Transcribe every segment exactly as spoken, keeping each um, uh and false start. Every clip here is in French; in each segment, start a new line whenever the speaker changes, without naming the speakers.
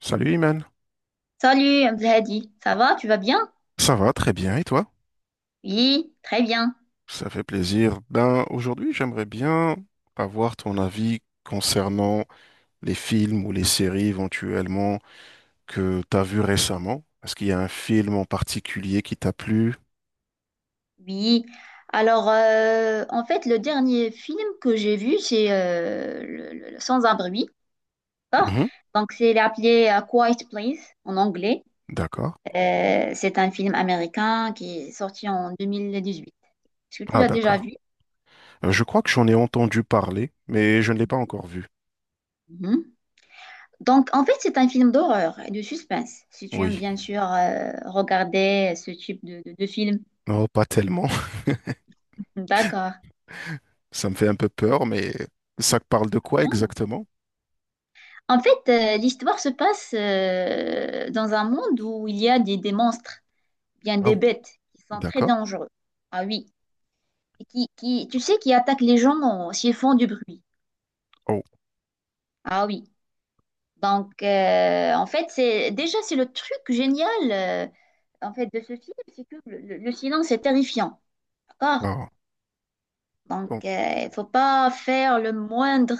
Salut Iman,
Salut Abdelhadi, ça va? Tu vas bien?
ça va très bien et toi?
Oui, très bien.
Ça fait plaisir. Ben aujourd'hui j'aimerais bien avoir ton avis concernant les films ou les séries éventuellement que t'as vu récemment. Est-ce qu'il y a un film en particulier qui t'a plu?
Oui. Alors, euh, en fait, le dernier film que j'ai vu, c'est euh, le, le- le Sans un bruit. D'accord.
Mhm.
Donc, c'est il est appelé euh, Quiet Place en anglais.
D'accord.
Euh, c'est un film américain qui est sorti en deux mille dix-huit. Est-ce que tu
Ah
l'as déjà
d'accord.
vu?
Euh, je crois que j'en ai entendu parler, mais je ne l'ai pas encore vu.
Mhm. Donc, en fait, c'est un film d'horreur et de suspense. Si tu aimes
Oui.
bien sûr euh, regarder ce type de, de, de film.
Non, pas tellement.
D'accord.
Ça me fait un peu peur, mais ça parle de quoi
Bon.
exactement?
En fait, euh, l'histoire se passe euh, dans un monde où il y a des, des monstres, bien des bêtes, qui sont très
D'accord.
dangereux. Ah oui. Et qui, qui, tu sais, qui attaquent les gens en- s'ils font du bruit.
Oh,
Ah oui. Donc, euh, en fait, c'est déjà, c'est le truc génial euh, en fait, de ce film, c'est que le, le- le silence est terrifiant. D'accord.
wow. Donc,
Donc, euh, il faut pas faire le moindre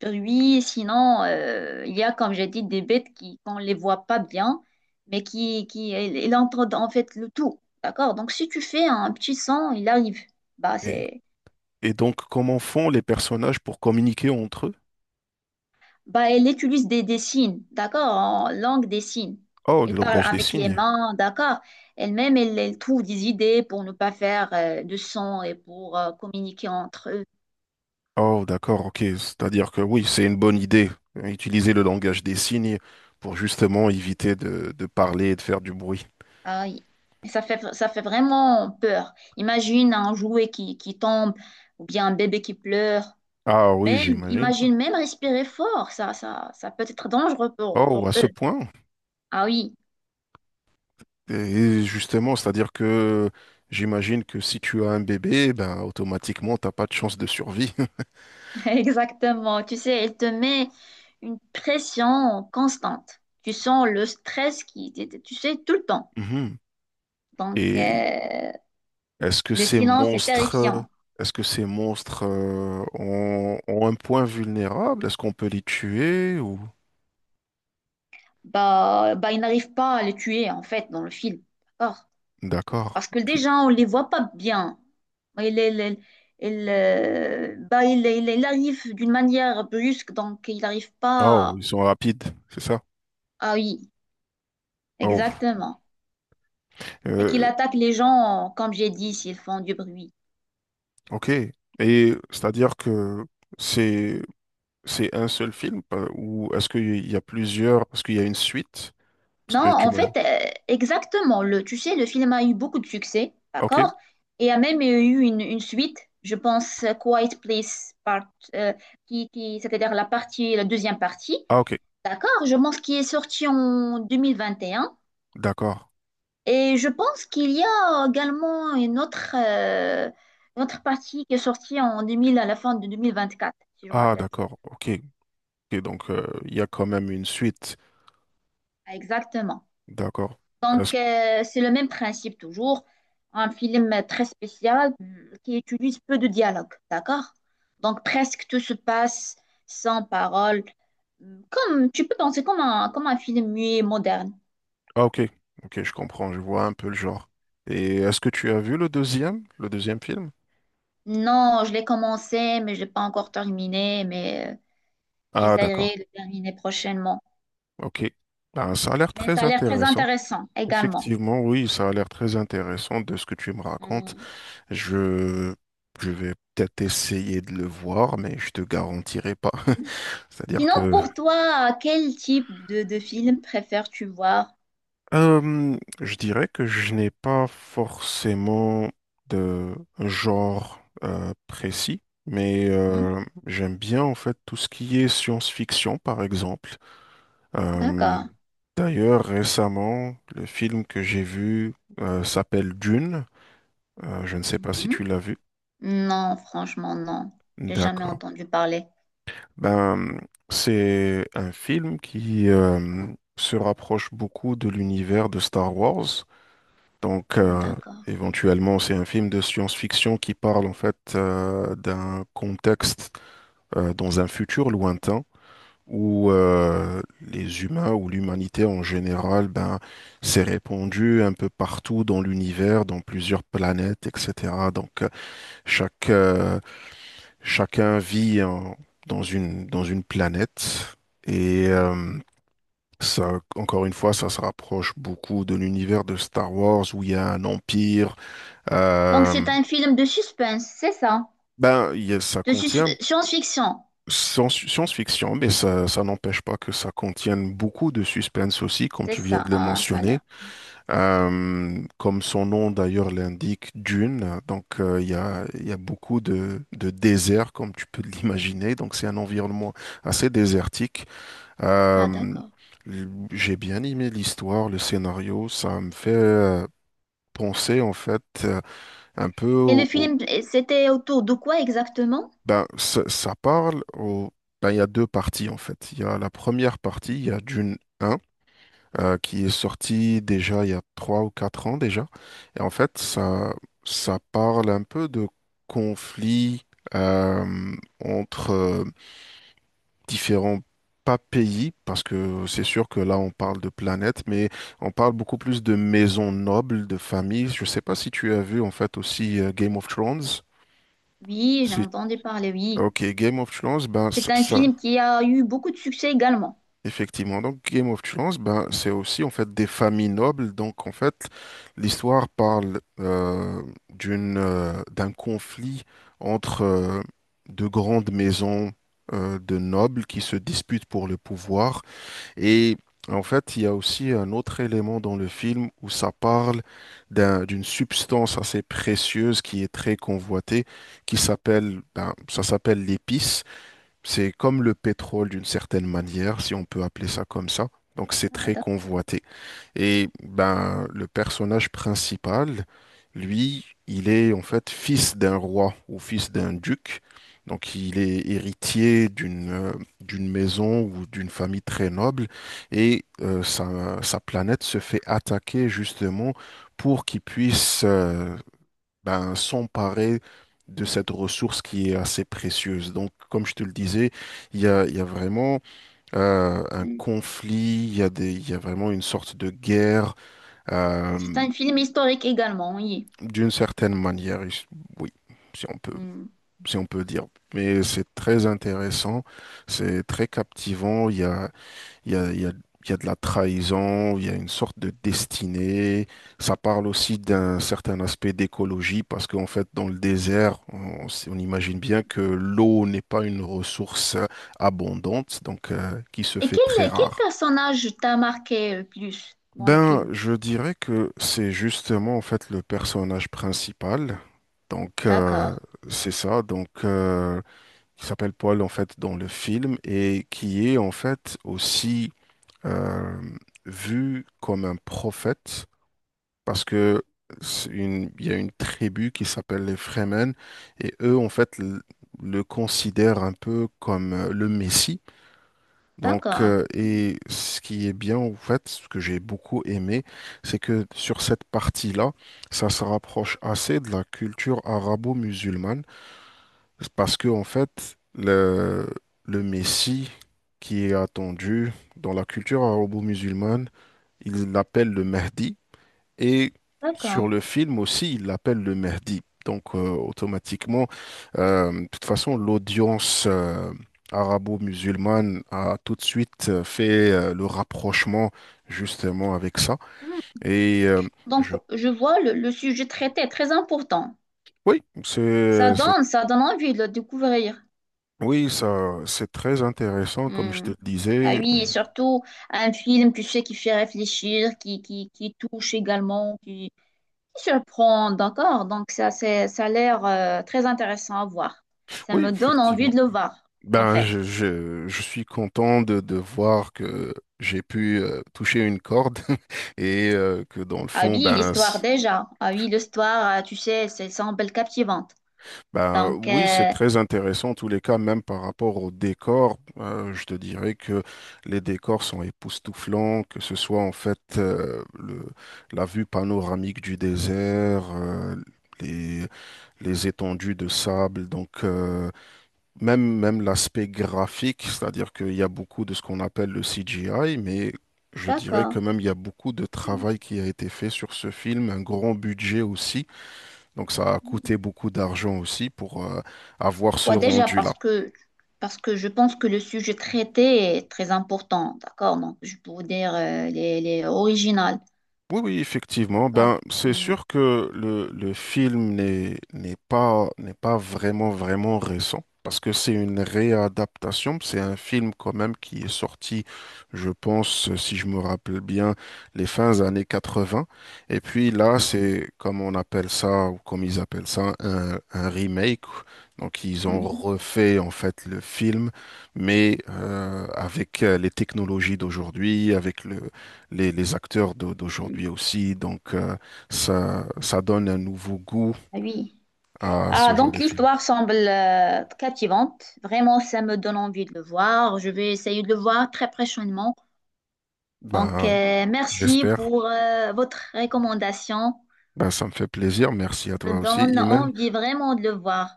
bruit, sinon euh, il y a, comme j'ai dit, des bêtes qui, qu'on ne les voit pas bien, mais qui, qui elle- elle entre dans- en fait le tout. D'accord? Donc, si tu fais un petit son, il arrive. Bah,
et,
c'est,
et donc, comment font les personnages pour communiquer entre eux?
bah, elle utilise des, des signes, d'accord? En langue des signes.
Oh, le
Elle parle
langage des
avec les
signes.
mains, d'accord? Elle-même, elle, elle trouve des idées pour ne pas faire euh, de son et pour euh, communiquer entre eux.
Oh, d'accord, ok. C'est-à-dire que oui, c'est une bonne idée, euh, utiliser le langage des signes pour justement éviter de, de parler et de faire du bruit.
Ah oui. Ça fait, ça fait vraiment peur. Imagine un jouet qui, qui tombe ou bien un bébé qui pleure.
Ah oui,
Même,
j'imagine.
imagine même respirer fort. Ça, ça, ça peut être dangereux pour,
Oh,
pour
à ce
eux.
point.
Ah oui,
Et justement, c'est-à-dire que j'imagine que si tu as un bébé, ben automatiquement, t'as pas de chance de survie.
exactement. Tu sais, elle te met une pression constante. Tu sens le stress qui, tu tu sais, tout le temps.
Mhm.
Donc,
Et
euh,
est-ce que
le
ces
silence est
monstres,
terrifiant.
est-ce que ces monstres euh, ont, ont un point vulnérable? Est-ce qu'on peut les tuer ou...
Bah, bah, il n'arrive pas à le tuer, en fait, dans le film. D'accord?
D'accord,
Parce que
ok.
déjà, on ne les voit pas bien. Il, il il, euh, bah, il il il arrive d'une manière brusque, donc il n'arrive
Oh,
pas.
ils sont rapides, c'est ça?
Ah oui,
Oh,
exactement. Et qu'il
euh,
attaque les gens, comme j'ai dit, s'ils font du bruit.
ok. Et c'est-à-dire que c'est c'est un seul film euh, ou est-ce qu'il y a plusieurs, parce qu'il y a une suite? Parce
Non,
que tu
en
m'as...
fait, euh, exactement. Le, tu sais, le film a eu beaucoup de succès,
Ok.
d'accord? Et a même eu une, une suite, je pense, euh, Quiet Place Part, euh, qui, qui, c'est-à-dire la partie, la deuxième partie,
Ah, ok.
d'accord? Je pense qui est sortie en deux mille vingt et un.
D'accord.
Et je pense qu'il y a également une autre, euh, une autre partie qui est sortie en deux mille à la fin de deux mille vingt-quatre si je me
Ah,
rappelle.
d'accord. Ok. Ok, donc, euh, il y a quand même une suite.
Exactement.
D'accord.
Donc,
Est-ce-
euh, c'est le même principe toujours. Un film très spécial euh, qui utilise peu de dialogue, d'accord? Donc, presque tout se passe sans parole. Comme, tu peux penser comme un, comme un film muet moderne.
Ah, ok. Ok, je comprends. Je vois un peu le genre. Et est-ce que tu as vu le deuxième, le deuxième film?
Non, je l'ai commencé, mais je n'ai pas encore terminé, mais euh,
Ah, d'accord.
j'essaierai de terminer prochainement.
Ok. Ah, ça a l'air
Mais ça
très
a l'air très
intéressant.
intéressant également.
Effectivement, oui, ça a l'air très intéressant de ce que tu me racontes.
Mm.
Je, je vais peut-être essayer de le voir, mais je te garantirai pas.
Mhm.
C'est-à-dire
Sinon,
que
pour toi, quel type de, de film préfères-tu voir?
Euh, je dirais que je n'ai pas forcément de genre euh, précis, mais
Mhm.
euh, j'aime bien en fait tout ce qui est science-fiction, par exemple. Euh,
D'accord.
d'ailleurs, récemment, le film que j'ai vu euh, s'appelle Dune. Euh, je ne sais pas si
Mhm.
tu l'as vu.
Non, franchement, non. J'ai jamais
D'accord.
entendu parler.
Ben, c'est un film qui euh, se rapproche beaucoup de l'univers de Star Wars. Donc,
Mhm.
euh,
D'accord.
éventuellement, c'est un film de science-fiction qui parle en fait euh, d'un contexte euh, dans un futur lointain où euh, les humains ou l'humanité en général, ben, s'est répandue un peu partout dans l'univers, dans plusieurs planètes, et cetera. Donc, euh, chaque euh, chacun vit en- dans une dans une planète et euh, ça, encore une fois, ça se rapproche beaucoup de l'univers de Star Wars où il y a un empire
Donc,
euh,
c'est un film de suspense, c'est ça?
ben, il y a- ça
De sus-
contient
science-fiction,
sans- science-fiction, mais ça, ça n'empêche pas que ça contienne beaucoup de suspense aussi, comme
c'est
tu viens
ça.
de le
Ah, ça a
mentionner.
l'air.
Euh, comme son nom d'ailleurs l'indique, Dune. Donc, euh, il y a, il y a beaucoup de, de désert, comme tu peux l'imaginer. Donc, c'est un environnement assez désertique.
Ah,
Euh,
d'accord.
l- j'ai bien aimé l'histoire, le scénario. Ça me fait euh, penser, en fait, euh, un peu.
Et le film, c'était autour de quoi exactement?
Ben, ça, ça parle au... ben, il y a deux parties en fait. Il y a la première partie, il y a Dune un euh, qui est sortie déjà il y a trois ou quatre ans déjà. Et en fait, ça, ça parle un peu de conflits euh, entre euh, différents, pas pays, parce que c'est sûr que là on parle de planète, mais on parle beaucoup plus de maisons nobles, de familles. Je sais pas si tu as vu en fait aussi euh, Game of Thrones.
Oui, j'ai
Si...
entendu parler, oui.
Ok, Game of Thrones, ben ça...
C'est un
ça-
film qui a eu beaucoup de succès également.
Effectivement, donc Game of Thrones, ben, c'est aussi en fait des familles nobles. Donc en fait, l'histoire parle euh, d'une euh, d'un conflit entre euh, de grandes maisons euh, de nobles qui se disputent pour le pouvoir. Et en fait, il y a aussi un autre élément dans le film où ça parle d'un- d'une substance assez précieuse qui est très convoitée, qui s'appelle, ben, ça s'appelle l'épice. C'est comme le pétrole d'une certaine manière, si on peut appeler ça comme ça. Donc c'est
Ah,
très
d'accord.
convoité. Et ben le personnage principal, lui, il est en fait fils d'un roi ou fils d'un duc. Donc il est héritier d'une euh, d'une maison ou d'une famille très noble et euh, sa, sa planète se fait attaquer justement pour qu'il puisse euh, ben, s'emparer de cette ressource qui est assez précieuse. Donc, comme je te le disais, il y a, il y a vraiment euh, un
Mm.
conflit, il y a des, il y a vraiment une sorte de guerre euh,
C'est un film historique également, oui.
d'une certaine manière. Et je- Oui, si on peut,
Hmm.
si on peut dire. Mais c'est très intéressant, c'est très captivant. Il y a il y a, il y a- il y a de la trahison, il y a une sorte de destinée. Ça parle aussi d'un certain aspect d'écologie parce qu'en fait, dans le désert, on, s- on imagine bien que l'eau n'est pas une ressource abondante, donc euh, qui se
Et
fait très
quel, quel
rare.
personnage t'a marqué le plus dans le
Ben,
film?
je dirais que c'est justement en fait le personnage principal. Donc euh,
D'accord,
c'est ça. Donc euh, qui s'appelle Paul en fait dans le film et qui est en fait aussi euh, vu comme un prophète parce que c'est une- il y a une tribu qui s'appelle les Fremen et eux en fait l- le considèrent un peu comme euh, le Messie. Donc
d'accord.
euh,
Hmm.
et ce qui est bien en fait, ce que j'ai beaucoup aimé, c'est que sur cette partie-là, ça se rapproche assez de la culture arabo-musulmane parce que en fait le le Messie qui est attendu dans la culture arabo-musulmane il l'appelle le Mahdi et sur
D'accord.
le film aussi, il l'appelle le Mahdi. Donc euh, automatiquement, euh, de toute façon, l'audience euh, arabo-musulmane a tout de suite euh, fait euh, le rapprochement justement avec ça.
Hmm.
Et euh,
Donc,
je,
je vois le, le sujet traité, très important.
oui,
Ça
c'est, c'est,
donne, ça donne envie de le découvrir.
oui, ça, c'est très intéressant, comme je te
Hmm.
le
Ah
disais.
oui, et surtout un film, tu sais, qui fait réfléchir, qui, qui, qui touche également, qui, qui surprend, d'accord? Donc, ça, c'est, ça a l'air euh, très intéressant à voir. Ça
Oui,
me donne envie de
effectivement.
le voir, en
Ben,
fait.
je, je, je suis content de, de voir que j'ai pu euh, toucher une corde et euh, que dans le
Ah
fond,
oui,
ben,
l'histoire
c-
déjà. Ah oui, l'histoire, euh, tu sais, ça semble captivante.
ben
Donc,
oui, c'est
euh,
très intéressant en tous les cas, même par rapport au décor. Euh, je te dirais que les décors sont époustouflants, que ce soit en fait euh, le, la vue panoramique du désert, euh, les, les étendues de sable. Donc, euh, Même, même l'aspect graphique, c'est-à-dire qu'il y a beaucoup de ce qu'on appelle le C G I, mais je dirais
d'accord.
quand même il y a beaucoup de
Hmm.
travail qui a été fait sur ce film, un grand budget aussi, donc ça a coûté beaucoup d'argent aussi pour euh, avoir ce
Ouais, déjà
rendu-là.
parce que parce que je pense que le sujet traité est très important, d'accord? Donc, je peux vous dire euh, les, les originales,
Oui, oui, effectivement.
d'accord?
Ben, c'est
Hmm,
sûr que le, le film n'est n'est pas n'est pas vraiment vraiment récent parce que c'est une réadaptation. C'est un film quand même qui est sorti, je pense, si je me rappelle bien, les fins années quatre-vingts. Et puis là, c'est comme on appelle ça ou comme ils appellent ça un, un remake. Donc ils ont
hmm,
refait en fait le film, mais euh, avec euh, les technologies d'aujourd'hui, avec le les, les acteurs d'au-
hmm.
d'aujourd'hui aussi. Donc, euh, ça, ça donne un nouveau goût
Ah oui.
à ce
Ah,
genre
donc
de film.
l'histoire semble euh, captivante. Vraiment, ça me donne envie de le voir. Je vais essayer de le voir très prochainement. Donc,
Ben,
euh, merci
j'espère.
pour euh, votre recommandation.
Ben, ça me fait plaisir. Merci à
Me
toi aussi,
donne
Iman.
envie vraiment de le voir.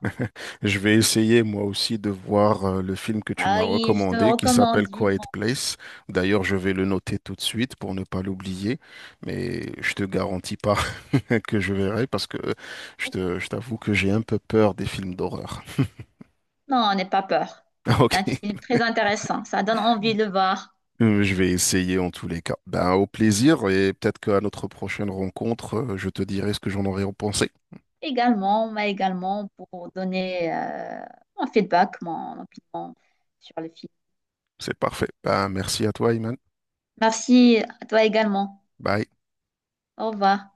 Je vais essayer moi aussi de voir euh, le film que tu
Ah
m'as
oui, je te
recommandé qui s'appelle
recommande
Quiet
vivement.
Place. D'ailleurs, je vais le noter tout de suite pour ne pas l'oublier, mais je te garantis pas que je verrai parce que je te, je t'avoue que j'ai un peu peur des films d'horreur.
Non, n'aie pas peur.
Ok.
C'est un film très intéressant. Ça donne envie de le voir.
Euh, Je vais essayer en tous les cas. Ben, au plaisir et peut-être qu'à notre prochaine rencontre, euh, je te dirai ce que j'en aurais pensé.
Également, mais également pour donner euh, mon feedback, mon opinion sur le film.
C'est parfait. Ben, merci à toi, Iman.
Merci à toi également.
Bye.
Au revoir.